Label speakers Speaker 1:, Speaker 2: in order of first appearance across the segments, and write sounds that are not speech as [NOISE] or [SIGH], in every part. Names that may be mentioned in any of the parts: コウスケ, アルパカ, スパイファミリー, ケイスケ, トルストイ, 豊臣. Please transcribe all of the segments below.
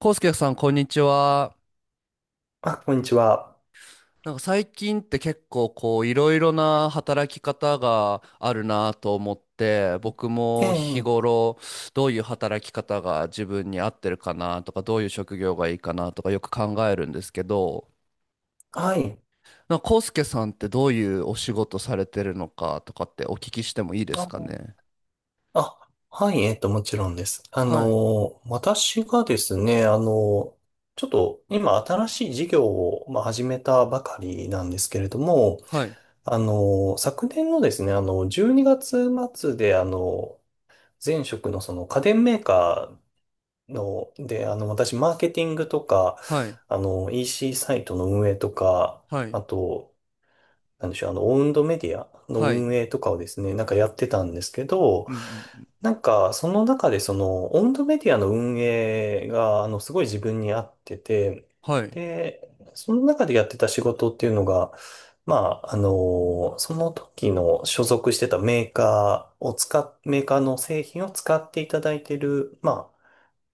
Speaker 1: コウスケさん、こんにちは。
Speaker 2: こんにちは。
Speaker 1: なんか最近って結構こういろいろな働き方があるなと思って、僕
Speaker 2: え
Speaker 1: も日
Speaker 2: え、
Speaker 1: 頃どういう働き方が自分に合ってるかなとか、どういう職業がいいかなとかよく考えるんですけど、
Speaker 2: はい。
Speaker 1: なんかコウスケさんってどういうお仕事されてるのかとかってお聞きしてもいいです
Speaker 2: あ、
Speaker 1: かね。
Speaker 2: あはい、もちろんです。
Speaker 1: はい、
Speaker 2: 私がですね、ちょっと今新しい事業を、まあ、始めたばかりなんですけれども、
Speaker 1: はい、
Speaker 2: 昨年のですね、12月末で、前職のその家電メーカーの、で、私、マーケティングとか、
Speaker 1: はい、
Speaker 2: EC サイトの運営とか、
Speaker 1: はい、
Speaker 2: あと、なんでしょう、オウンドメディアの
Speaker 1: はい、
Speaker 2: 運営とかをですね、なんかやってたんですけど、
Speaker 1: うんうんうん、
Speaker 2: なんか、その中で、その、オウンドメディアの運営が、すごい自分に合ってて、
Speaker 1: はい、
Speaker 2: で、その中でやってた仕事っていうのが、まその時の所属してたメーカーの製品を使っていただいてる、まあ、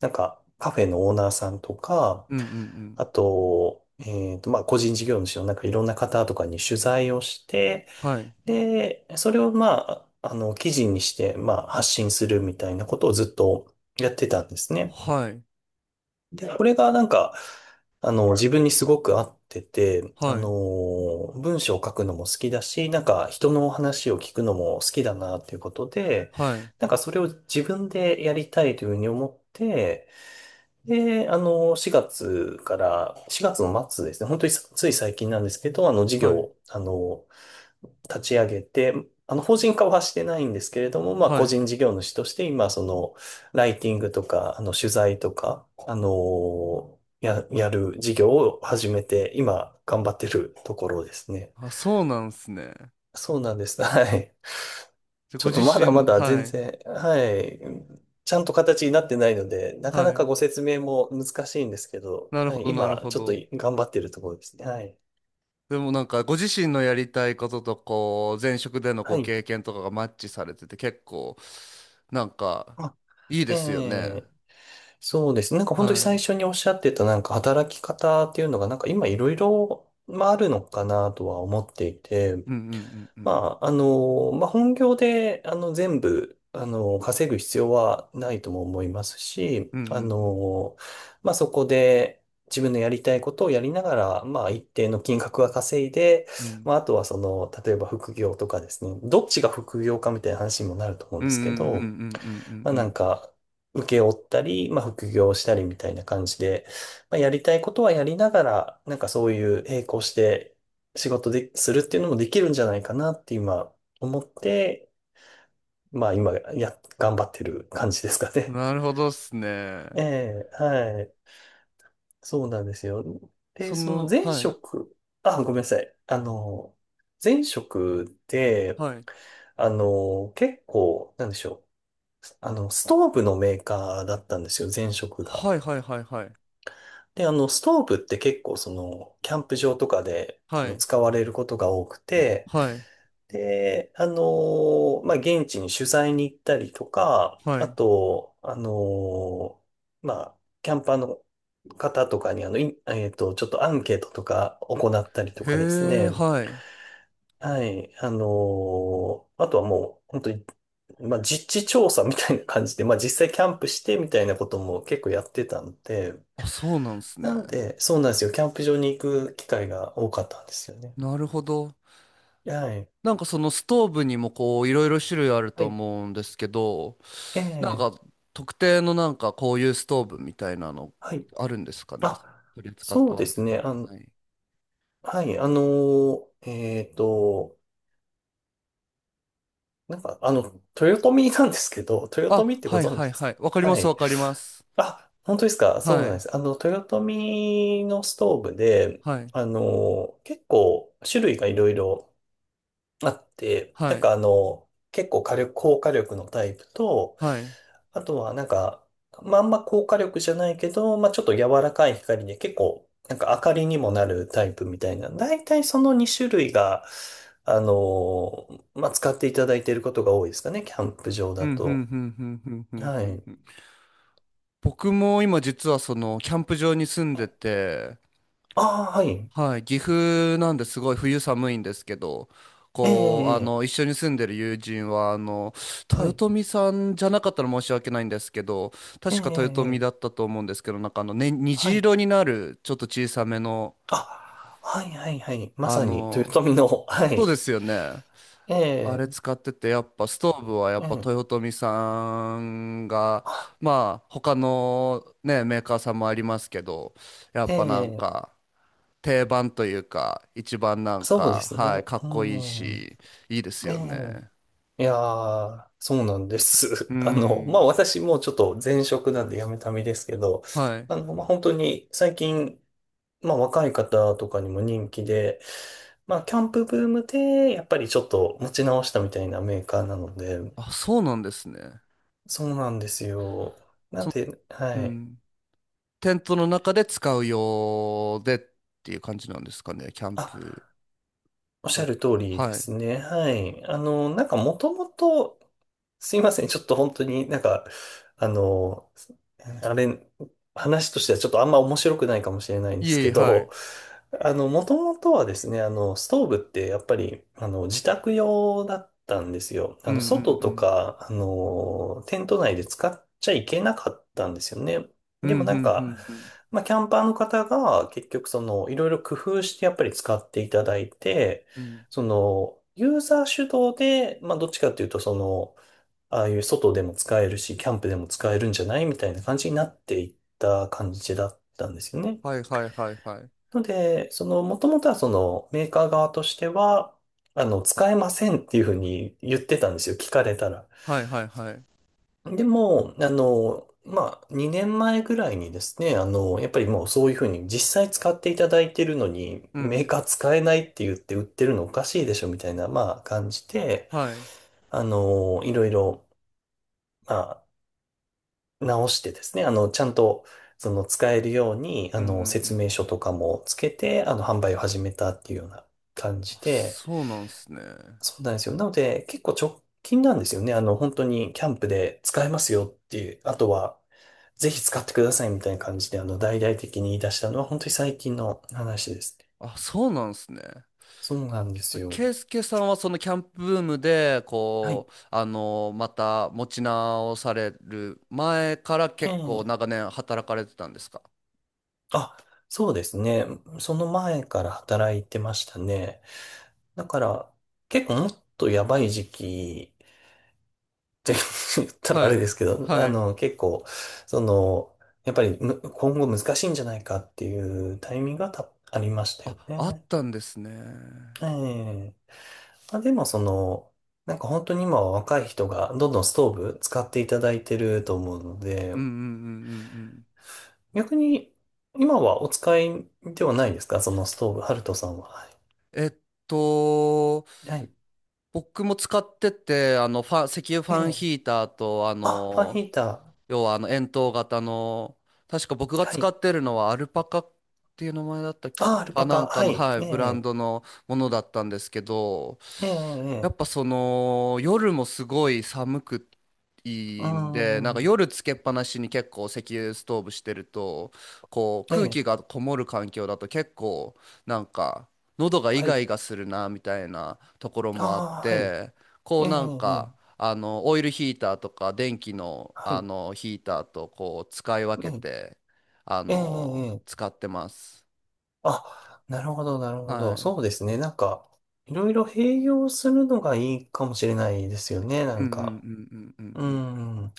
Speaker 2: なんか、カフェのオーナーさんとか、
Speaker 1: うんうんうん、
Speaker 2: あと、個人事業主のなんかいろんな方とかに取材をして、
Speaker 1: はい、
Speaker 2: で、それをまあ、記事にして、まあ、発信するみたいなことをずっとやってたんですね。
Speaker 1: はい、
Speaker 2: で、これがなんか、自分にすごく合ってて、
Speaker 1: はい、
Speaker 2: 文章を書くのも好きだし、なんか人の話を聞くのも好きだなっていうことで、
Speaker 1: はい。
Speaker 2: なんかそれを自分でやりたいというふうに思って、で、4月から、4月の末ですね、本当にさつい最近なんですけど、事
Speaker 1: は
Speaker 2: 業
Speaker 1: い
Speaker 2: を、立ち上げて、法人化はしてないんですけれども、まあ、
Speaker 1: は
Speaker 2: 個
Speaker 1: い。
Speaker 2: 人事業主として、今、その、ライティングとか、取材とか、やる事業を始めて、今、頑張ってるところですね。
Speaker 1: あ、そうなんですね。
Speaker 2: そうなんです。はい。
Speaker 1: で、
Speaker 2: ち
Speaker 1: ご
Speaker 2: ょっ
Speaker 1: 自
Speaker 2: とまだま
Speaker 1: 身、
Speaker 2: だ
Speaker 1: は
Speaker 2: 全
Speaker 1: い。
Speaker 2: 然、はい、ちゃんと形になってないので、なか
Speaker 1: は
Speaker 2: なか
Speaker 1: い。
Speaker 2: ご説明も難しいんですけど、
Speaker 1: なる
Speaker 2: は
Speaker 1: ほ
Speaker 2: い、
Speaker 1: ど、なる
Speaker 2: 今、
Speaker 1: ほ
Speaker 2: ちょっと
Speaker 1: ど。
Speaker 2: 頑張ってるところですね。はい。
Speaker 1: でもなんか、ご自身のやりたいことと、こう、前職での
Speaker 2: は
Speaker 1: ご
Speaker 2: い。
Speaker 1: 経験とかがマッチされてて、結構、なんか、
Speaker 2: あ、
Speaker 1: いいで
Speaker 2: え
Speaker 1: すよね。
Speaker 2: え、そうですね。なんか本当に
Speaker 1: は
Speaker 2: 最
Speaker 1: い。
Speaker 2: 初におっしゃってた、なんか働き方っていうのが、なんか今いろいろ、まあ、あるのかなとは思っていて、
Speaker 1: うんうんうんうん
Speaker 2: ままあ、本業で、全部、稼ぐ必要はないとも思いますし、
Speaker 1: うんうん
Speaker 2: そこで自分のやりたいことをやりながら、まあ、一定の金額は稼いで、
Speaker 1: うん
Speaker 2: まあ、あとはその、例えば副業とかですね、どっちが副業かみたいな話にもなると思うん
Speaker 1: うん
Speaker 2: で
Speaker 1: うんう
Speaker 2: す
Speaker 1: ん
Speaker 2: けど、
Speaker 1: うんうん
Speaker 2: まあ
Speaker 1: うんう
Speaker 2: な
Speaker 1: ん
Speaker 2: んか、受け負ったり、まあ副業したりみたいな感じで、まあやりたいことはやりながら、なんかそういう並行して仕事で、するっていうのもできるんじゃないかなって今思って、まあ今や、頑張ってる感じですか
Speaker 1: うん。
Speaker 2: ね。
Speaker 1: なるほどっすね。
Speaker 2: [LAUGHS] ええ、はい。そうなんですよ。で、
Speaker 1: そ
Speaker 2: その
Speaker 1: の、
Speaker 2: 前
Speaker 1: はい。
Speaker 2: 職、あ、ごめんなさい。前職で、
Speaker 1: はい。
Speaker 2: 結構、なんでしょう。ストーブのメーカーだったんですよ、前職が。
Speaker 1: はいはいはいはい。
Speaker 2: で、ストーブって結構その、キャンプ場とかで、
Speaker 1: はい。
Speaker 2: 使われることが多くて、
Speaker 1: はい。
Speaker 2: で、現地に取材に行ったりとか、
Speaker 1: は
Speaker 2: あ
Speaker 1: い。
Speaker 2: と、まあ、キャンパーの方とかに、あの、いえっと、ちょっとアンケートとか行ったりとかです
Speaker 1: へえ、
Speaker 2: ね。
Speaker 1: はい。
Speaker 2: はい。あとはもう、本当に、まあ、実地調査みたいな感じで、まあ、実際キャンプしてみたいなことも結構やってたので、
Speaker 1: あ、そうなんですね。
Speaker 2: なので、そうなんですよ。キャンプ場に行く機会が多かったんですよね。
Speaker 1: なるほど。
Speaker 2: はい。
Speaker 1: なんかそのストーブにもこういろいろ種類ある
Speaker 2: は
Speaker 1: と
Speaker 2: い。
Speaker 1: 思うんですけど、
Speaker 2: え
Speaker 1: なん
Speaker 2: え、
Speaker 1: か特定のなんかこういうストーブみたいなの
Speaker 2: はい。
Speaker 1: あるんですかね。
Speaker 2: あ、
Speaker 1: 取り扱っ
Speaker 2: そ
Speaker 1: て
Speaker 2: うで
Speaker 1: 割れ
Speaker 2: す
Speaker 1: てた
Speaker 2: ね。
Speaker 1: の。はい。
Speaker 2: はい。ー、えっと、豊臣なんですけど、豊
Speaker 1: あ、
Speaker 2: 臣ってご
Speaker 1: はい
Speaker 2: 存
Speaker 1: は
Speaker 2: 知
Speaker 1: い
Speaker 2: です
Speaker 1: は
Speaker 2: か？
Speaker 1: い。わかりま
Speaker 2: は
Speaker 1: すわ
Speaker 2: い。
Speaker 1: かります。
Speaker 2: あ、本当ですか？そう
Speaker 1: は
Speaker 2: なんで
Speaker 1: い。
Speaker 2: す。豊臣のストーブで、
Speaker 1: はい。
Speaker 2: あの結構種類がいろいろあって、な
Speaker 1: は
Speaker 2: ん
Speaker 1: い。
Speaker 2: か結構火力、高火力のタイプと、
Speaker 1: はい。
Speaker 2: あとはなんか、まあ、あんま高火力じゃないけど、まあ、ちょっと柔らかい光で結構、なんか明かりにもなるタイプみたいな。だいたいその2種類が、あの、まあ、使っていただいていることが多いですかね、キャンプ場
Speaker 1: う
Speaker 2: だ
Speaker 1: ん、ふん
Speaker 2: と。
Speaker 1: ふんふんふんふん
Speaker 2: は
Speaker 1: ふん
Speaker 2: い。
Speaker 1: ふん。僕も今実はそのキャンプ場に住んでて、
Speaker 2: ああ、はい。
Speaker 1: はい、岐阜なんですごい冬寒いんですけど、
Speaker 2: ええ、
Speaker 1: こう、あ
Speaker 2: え
Speaker 1: の、
Speaker 2: え、
Speaker 1: 一緒に住んでる友人は、あの、
Speaker 2: はい。
Speaker 1: 豊臣さんじゃなかったら申し訳ないんですけど、
Speaker 2: ええ、
Speaker 1: 確
Speaker 2: ええ、
Speaker 1: か豊臣
Speaker 2: え
Speaker 1: だっ
Speaker 2: え
Speaker 1: たと思うんですけど、なんかあの、ね、
Speaker 2: は
Speaker 1: 虹
Speaker 2: い。
Speaker 1: 色になる、ちょっと小さめの、
Speaker 2: あ、はい、はい、はい。ま
Speaker 1: あ
Speaker 2: さに、
Speaker 1: の、
Speaker 2: 豊臣の、は
Speaker 1: そうで
Speaker 2: い。
Speaker 1: すよね。
Speaker 2: え
Speaker 1: あれ
Speaker 2: え、
Speaker 1: 使ってて、やっぱストーブはや
Speaker 2: え
Speaker 1: っぱ
Speaker 2: え。
Speaker 1: 豊臣さんが、
Speaker 2: はい
Speaker 1: まあ、他のね、メーカーさんもありますけど、やっ
Speaker 2: え
Speaker 1: ぱなん
Speaker 2: え、
Speaker 1: か、定番というか、一番なん
Speaker 2: そうで
Speaker 1: か、
Speaker 2: す
Speaker 1: はい、
Speaker 2: ね。
Speaker 1: か
Speaker 2: う
Speaker 1: っこいい
Speaker 2: ん。
Speaker 1: し、いいです
Speaker 2: え
Speaker 1: よね。
Speaker 2: え、いやー、そうなんで
Speaker 1: う
Speaker 2: す。[LAUGHS] まあ、
Speaker 1: ん。
Speaker 2: 私もちょっと前職なんで辞めた身ですけど、
Speaker 1: はい。
Speaker 2: まあ、本当に最近、まあ、若い方とかにも人気で、まあ、キャンプブームで、やっぱりちょっと持ち直したみたいなメーカーなので、
Speaker 1: あ、そうなんですね。
Speaker 2: そうなんですよ。な
Speaker 1: そ
Speaker 2: ん
Speaker 1: の、
Speaker 2: で、
Speaker 1: う
Speaker 2: はい。
Speaker 1: ん。テントの中で使う用でっていう感じなんですかね、キャン
Speaker 2: あ、
Speaker 1: プ
Speaker 2: おっしゃ
Speaker 1: だ
Speaker 2: る通
Speaker 1: と。
Speaker 2: りで
Speaker 1: はい。
Speaker 2: すね。はい。なんかもともと、すいません。ちょっと本当になんか、あの、あれ、話としてはちょっとあんま面白くないかもしれないんで
Speaker 1: い
Speaker 2: す
Speaker 1: えい
Speaker 2: け
Speaker 1: え、はい。
Speaker 2: ど、もともとはですね、ストーブってやっぱり、自宅用だったんですよ。
Speaker 1: うんうん
Speaker 2: 外
Speaker 1: う
Speaker 2: と
Speaker 1: ん。
Speaker 2: か、テント内で使っちゃいけなかったんですよね。
Speaker 1: うんう
Speaker 2: でも
Speaker 1: ん
Speaker 2: なん
Speaker 1: う
Speaker 2: か、
Speaker 1: んうん。
Speaker 2: まあ、キャンパーの方が結局その、いろいろ工夫してやっぱり使っていただいて、
Speaker 1: うん。
Speaker 2: その、ユーザー主導で、まあ、どっちかっていうと、その、ああいう外でも使えるし、キャンプでも使えるんじゃないみたいな感じになっていった感じだったんですよね。
Speaker 1: はいはいはいはい。
Speaker 2: ので、その、もともとはその、メーカー側としては、使えませんっていうふうに言ってたんですよ、聞かれたら。
Speaker 1: はいはいはい。
Speaker 2: でも、まあ、2年前ぐらいにですね、やっぱりもうそういうふうに実際使っていただいてるのに、
Speaker 1: う
Speaker 2: メー
Speaker 1: ん。
Speaker 2: カー使えないって言って売ってるのおかしいでしょみたいな、まあ、感じで、
Speaker 1: はい。うん
Speaker 2: いろいろ、まあ、直してですね、ちゃんと、その、使えるように、
Speaker 1: うんう
Speaker 2: 説
Speaker 1: ん。
Speaker 2: 明書とかもつけて、販売を始めたっていうような感
Speaker 1: あ、
Speaker 2: じで、
Speaker 1: そうなんすね。
Speaker 2: そうなんですよ。なので、結構直近なんですよね。本当にキャンプで使えますよっていう、あとは、ぜひ使ってくださいみたいな感じで、大々的に言い出したのは、本当に最近の話ですね。
Speaker 1: あ、そうなんすね。
Speaker 2: そうなんですよ。
Speaker 1: ケイスケさんはそのキャンプブームで
Speaker 2: はい。
Speaker 1: こうあのまた持ち直される前から結構
Speaker 2: ええ。
Speaker 1: 長年働かれてたんですか？
Speaker 2: あ、そうですね。その前から働いてましたね。だから、結構もっとやばい時期って [LAUGHS] 言ったらあ
Speaker 1: は
Speaker 2: れ
Speaker 1: い。
Speaker 2: ですけど、
Speaker 1: はい。
Speaker 2: 結構、その、やっぱりむ今後難しいんじゃないかっていうタイミングがたありました
Speaker 1: あ、
Speaker 2: よ
Speaker 1: あっ
Speaker 2: ね。
Speaker 1: たんですね。う
Speaker 2: ええ。まあ、でもその、なんか本当に今は若い人がどんどんストーブ使っていただいてると思うので、
Speaker 1: んうんうんうん
Speaker 2: 逆に今はお使いではないですか？そのストーブ、ハルトさんは。はい。
Speaker 1: うん。と
Speaker 2: はい。
Speaker 1: 僕も使ってて、あの、ファン石油フ
Speaker 2: え
Speaker 1: ァン
Speaker 2: え。
Speaker 1: ヒーターと、あ
Speaker 2: あ、ファンヒ
Speaker 1: の、
Speaker 2: ータ
Speaker 1: 要はあの円筒型の、確か僕が
Speaker 2: ー。は
Speaker 1: 使
Speaker 2: い。
Speaker 1: ってるのはアルパカっていう名前だったっけな。
Speaker 2: あ、アル
Speaker 1: あ、
Speaker 2: パ
Speaker 1: な
Speaker 2: カ。
Speaker 1: んか
Speaker 2: は
Speaker 1: の、
Speaker 2: い。
Speaker 1: はい、
Speaker 2: え
Speaker 1: ブラン
Speaker 2: え
Speaker 1: ドのものだったんですけど、
Speaker 2: ええ、
Speaker 1: や
Speaker 2: え
Speaker 1: っぱ
Speaker 2: え、
Speaker 1: その夜もすごい寒く
Speaker 2: うー
Speaker 1: いいんで、なんか
Speaker 2: ん、
Speaker 1: 夜つけっぱなしに結構石油ストーブしてると、こう
Speaker 2: え
Speaker 1: 空
Speaker 2: え、
Speaker 1: 気がこもる環境だと結構なんか喉がイ
Speaker 2: は
Speaker 1: ガ
Speaker 2: い。
Speaker 1: イガするなみたいなところもあっ
Speaker 2: ああ、はい。
Speaker 1: て、こう
Speaker 2: ええ、え
Speaker 1: なん
Speaker 2: え、
Speaker 1: かあの、オイルヒーターとか電気の、
Speaker 2: は
Speaker 1: あ
Speaker 2: い。
Speaker 1: の、ヒーターとこう使い
Speaker 2: え
Speaker 1: 分け
Speaker 2: え、
Speaker 1: て、あ
Speaker 2: ええ、
Speaker 1: の、
Speaker 2: ええ。
Speaker 1: 使ってます。
Speaker 2: あ、なるほど、なるほ
Speaker 1: は
Speaker 2: ど。
Speaker 1: い。うん
Speaker 2: そうですね。なんか、いろいろ併用するのがいいかもしれないですよね。な
Speaker 1: うん
Speaker 2: ん
Speaker 1: うんう
Speaker 2: か。
Speaker 1: んうん
Speaker 2: うー
Speaker 1: うん。
Speaker 2: ん。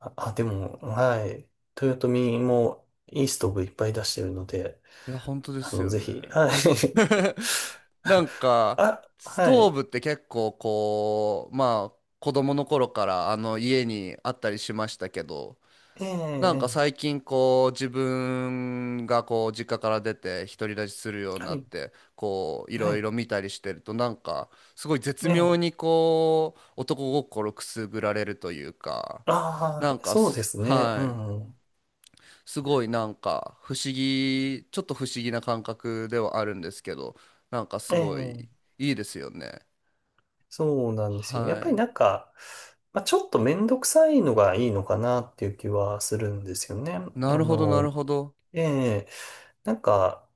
Speaker 2: あでも、はい。豊臣もいいストーブいっぱい出してるので、
Speaker 1: いや、本当ですよ
Speaker 2: ぜ
Speaker 1: ね。
Speaker 2: ひ、はい。
Speaker 1: [LAUGHS] なん
Speaker 2: [LAUGHS]
Speaker 1: か、
Speaker 2: あ、
Speaker 1: ス
Speaker 2: は
Speaker 1: トー
Speaker 2: い。
Speaker 1: ブって結構こう、まあ、子供の頃からあの家にあったりしましたけど、
Speaker 2: ええ、
Speaker 1: なんか
Speaker 2: ええ、
Speaker 1: 最近こう自分がこう実家から出て独り立ちするように
Speaker 2: は
Speaker 1: なっ
Speaker 2: い。
Speaker 1: てこうい
Speaker 2: は
Speaker 1: ろい
Speaker 2: い。
Speaker 1: ろ見たりしてると、なんかすごい絶
Speaker 2: ええ。
Speaker 1: 妙にこう男心くすぐられるというか、
Speaker 2: あ
Speaker 1: な
Speaker 2: あ、
Speaker 1: んか
Speaker 2: そうですね。う
Speaker 1: はい、
Speaker 2: ん。
Speaker 1: すごいなんか不思議ちょっと不思議な感覚ではあるんですけど、なんかす
Speaker 2: え
Speaker 1: ご
Speaker 2: え、
Speaker 1: いいいですよね。
Speaker 2: そうなんですよ。やっぱり
Speaker 1: は
Speaker 2: なんか、まあ、ちょっとめんどくさいのがいいのかなっていう気はするんですよね。
Speaker 1: い。なるほど、なるほど。
Speaker 2: ええ、なんか、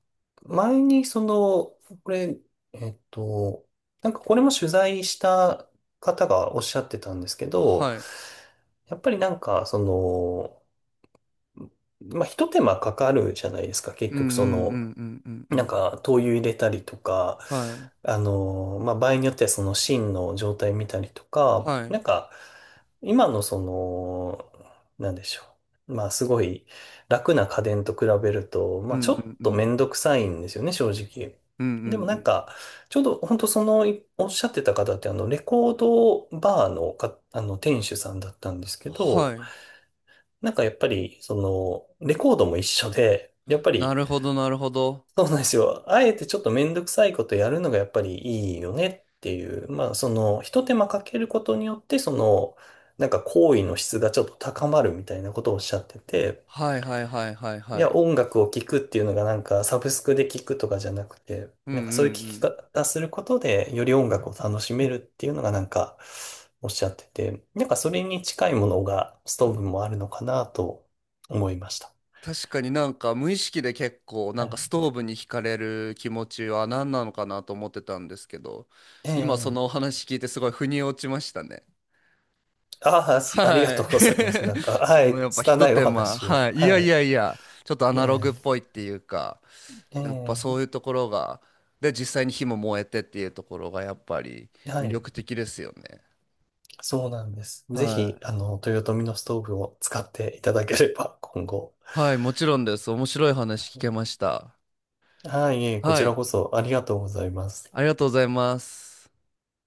Speaker 2: 前にその、これ、えっと、なんかこれも取材した方がおっしゃってたんですけど、
Speaker 1: はい。
Speaker 2: やっぱりなんか、その、まあ、一手間かかるじゃないですか。結
Speaker 1: うんうん
Speaker 2: 局そ
Speaker 1: う
Speaker 2: の、
Speaker 1: んうんうんう
Speaker 2: なん
Speaker 1: ん。
Speaker 2: か、灯油入れたりとか、
Speaker 1: はい
Speaker 2: まあ、場合によってはその芯の状態見たりとか、
Speaker 1: はい。
Speaker 2: なんか、今のその、なんでしょう。まあ、すごい楽な家電と比べると、
Speaker 1: う
Speaker 2: まあ、ちょっ
Speaker 1: んうんう
Speaker 2: とめん
Speaker 1: ん
Speaker 2: どくさいんですよね、正直。
Speaker 1: うんうんう
Speaker 2: でもなん
Speaker 1: ん。
Speaker 2: か、ちょうど本当その、いおっしゃってた方って、レコードバーのか、店主さんだったんですけ
Speaker 1: は
Speaker 2: ど、
Speaker 1: い。
Speaker 2: なんかやっぱり、その、レコードも一緒で、やっぱ
Speaker 1: な
Speaker 2: り、
Speaker 1: るほど、なるほど。
Speaker 2: そうなんですよ。あえてちょっとめんどくさいことやるのがやっぱりいいよねっていう。まあ、その、ひと手間かけることによって、その、なんか行為の質がちょっと高まるみたいなことをおっしゃってて、
Speaker 1: はいはいはいはい
Speaker 2: い
Speaker 1: は
Speaker 2: や、
Speaker 1: い。
Speaker 2: 音楽を聴くっていうのがなんかサブスクで聴くとかじゃなくて、
Speaker 1: うんう
Speaker 2: なんか
Speaker 1: んう
Speaker 2: そういう聴き
Speaker 1: ん。
Speaker 2: 方することで、より音楽を楽しめるっていうのがなんかおっしゃってて、なんかそれに近いものがストーブもあるのかなと思いました。
Speaker 1: 確かになんか無意識で結構な
Speaker 2: は
Speaker 1: んか
Speaker 2: い。
Speaker 1: ストーブに惹かれる気持ちは何なのかなと思ってたんですけど、
Speaker 2: え
Speaker 1: 今そのお
Speaker 2: え。
Speaker 1: 話聞いてすごい腑に落ちましたね。
Speaker 2: ああ、すありが
Speaker 1: は
Speaker 2: と
Speaker 1: い。
Speaker 2: うございます。なんか、
Speaker 1: [LAUGHS]
Speaker 2: は
Speaker 1: その
Speaker 2: い、
Speaker 1: やっぱひと
Speaker 2: 拙いお
Speaker 1: 手間。
Speaker 2: 話を。
Speaker 1: はい。い
Speaker 2: は
Speaker 1: やい
Speaker 2: い。
Speaker 1: やいや、ちょっとアナログっ
Speaker 2: え
Speaker 1: ぽいっていうか、やっぱそういう
Speaker 2: え。え
Speaker 1: ところが、で、実際に火も燃えてっていうところがやっぱり
Speaker 2: え、は
Speaker 1: 魅
Speaker 2: い。
Speaker 1: 力的ですよね。
Speaker 2: そうなんです。ぜ
Speaker 1: は
Speaker 2: ひ、
Speaker 1: い。
Speaker 2: 豊臣のストーブを使っていただければ、今後。
Speaker 1: はい、もちろんです。面白い話聞けました。
Speaker 2: はい、いえこ
Speaker 1: は
Speaker 2: ち
Speaker 1: い、
Speaker 2: らこそありがとうございます。
Speaker 1: ありがとうございます。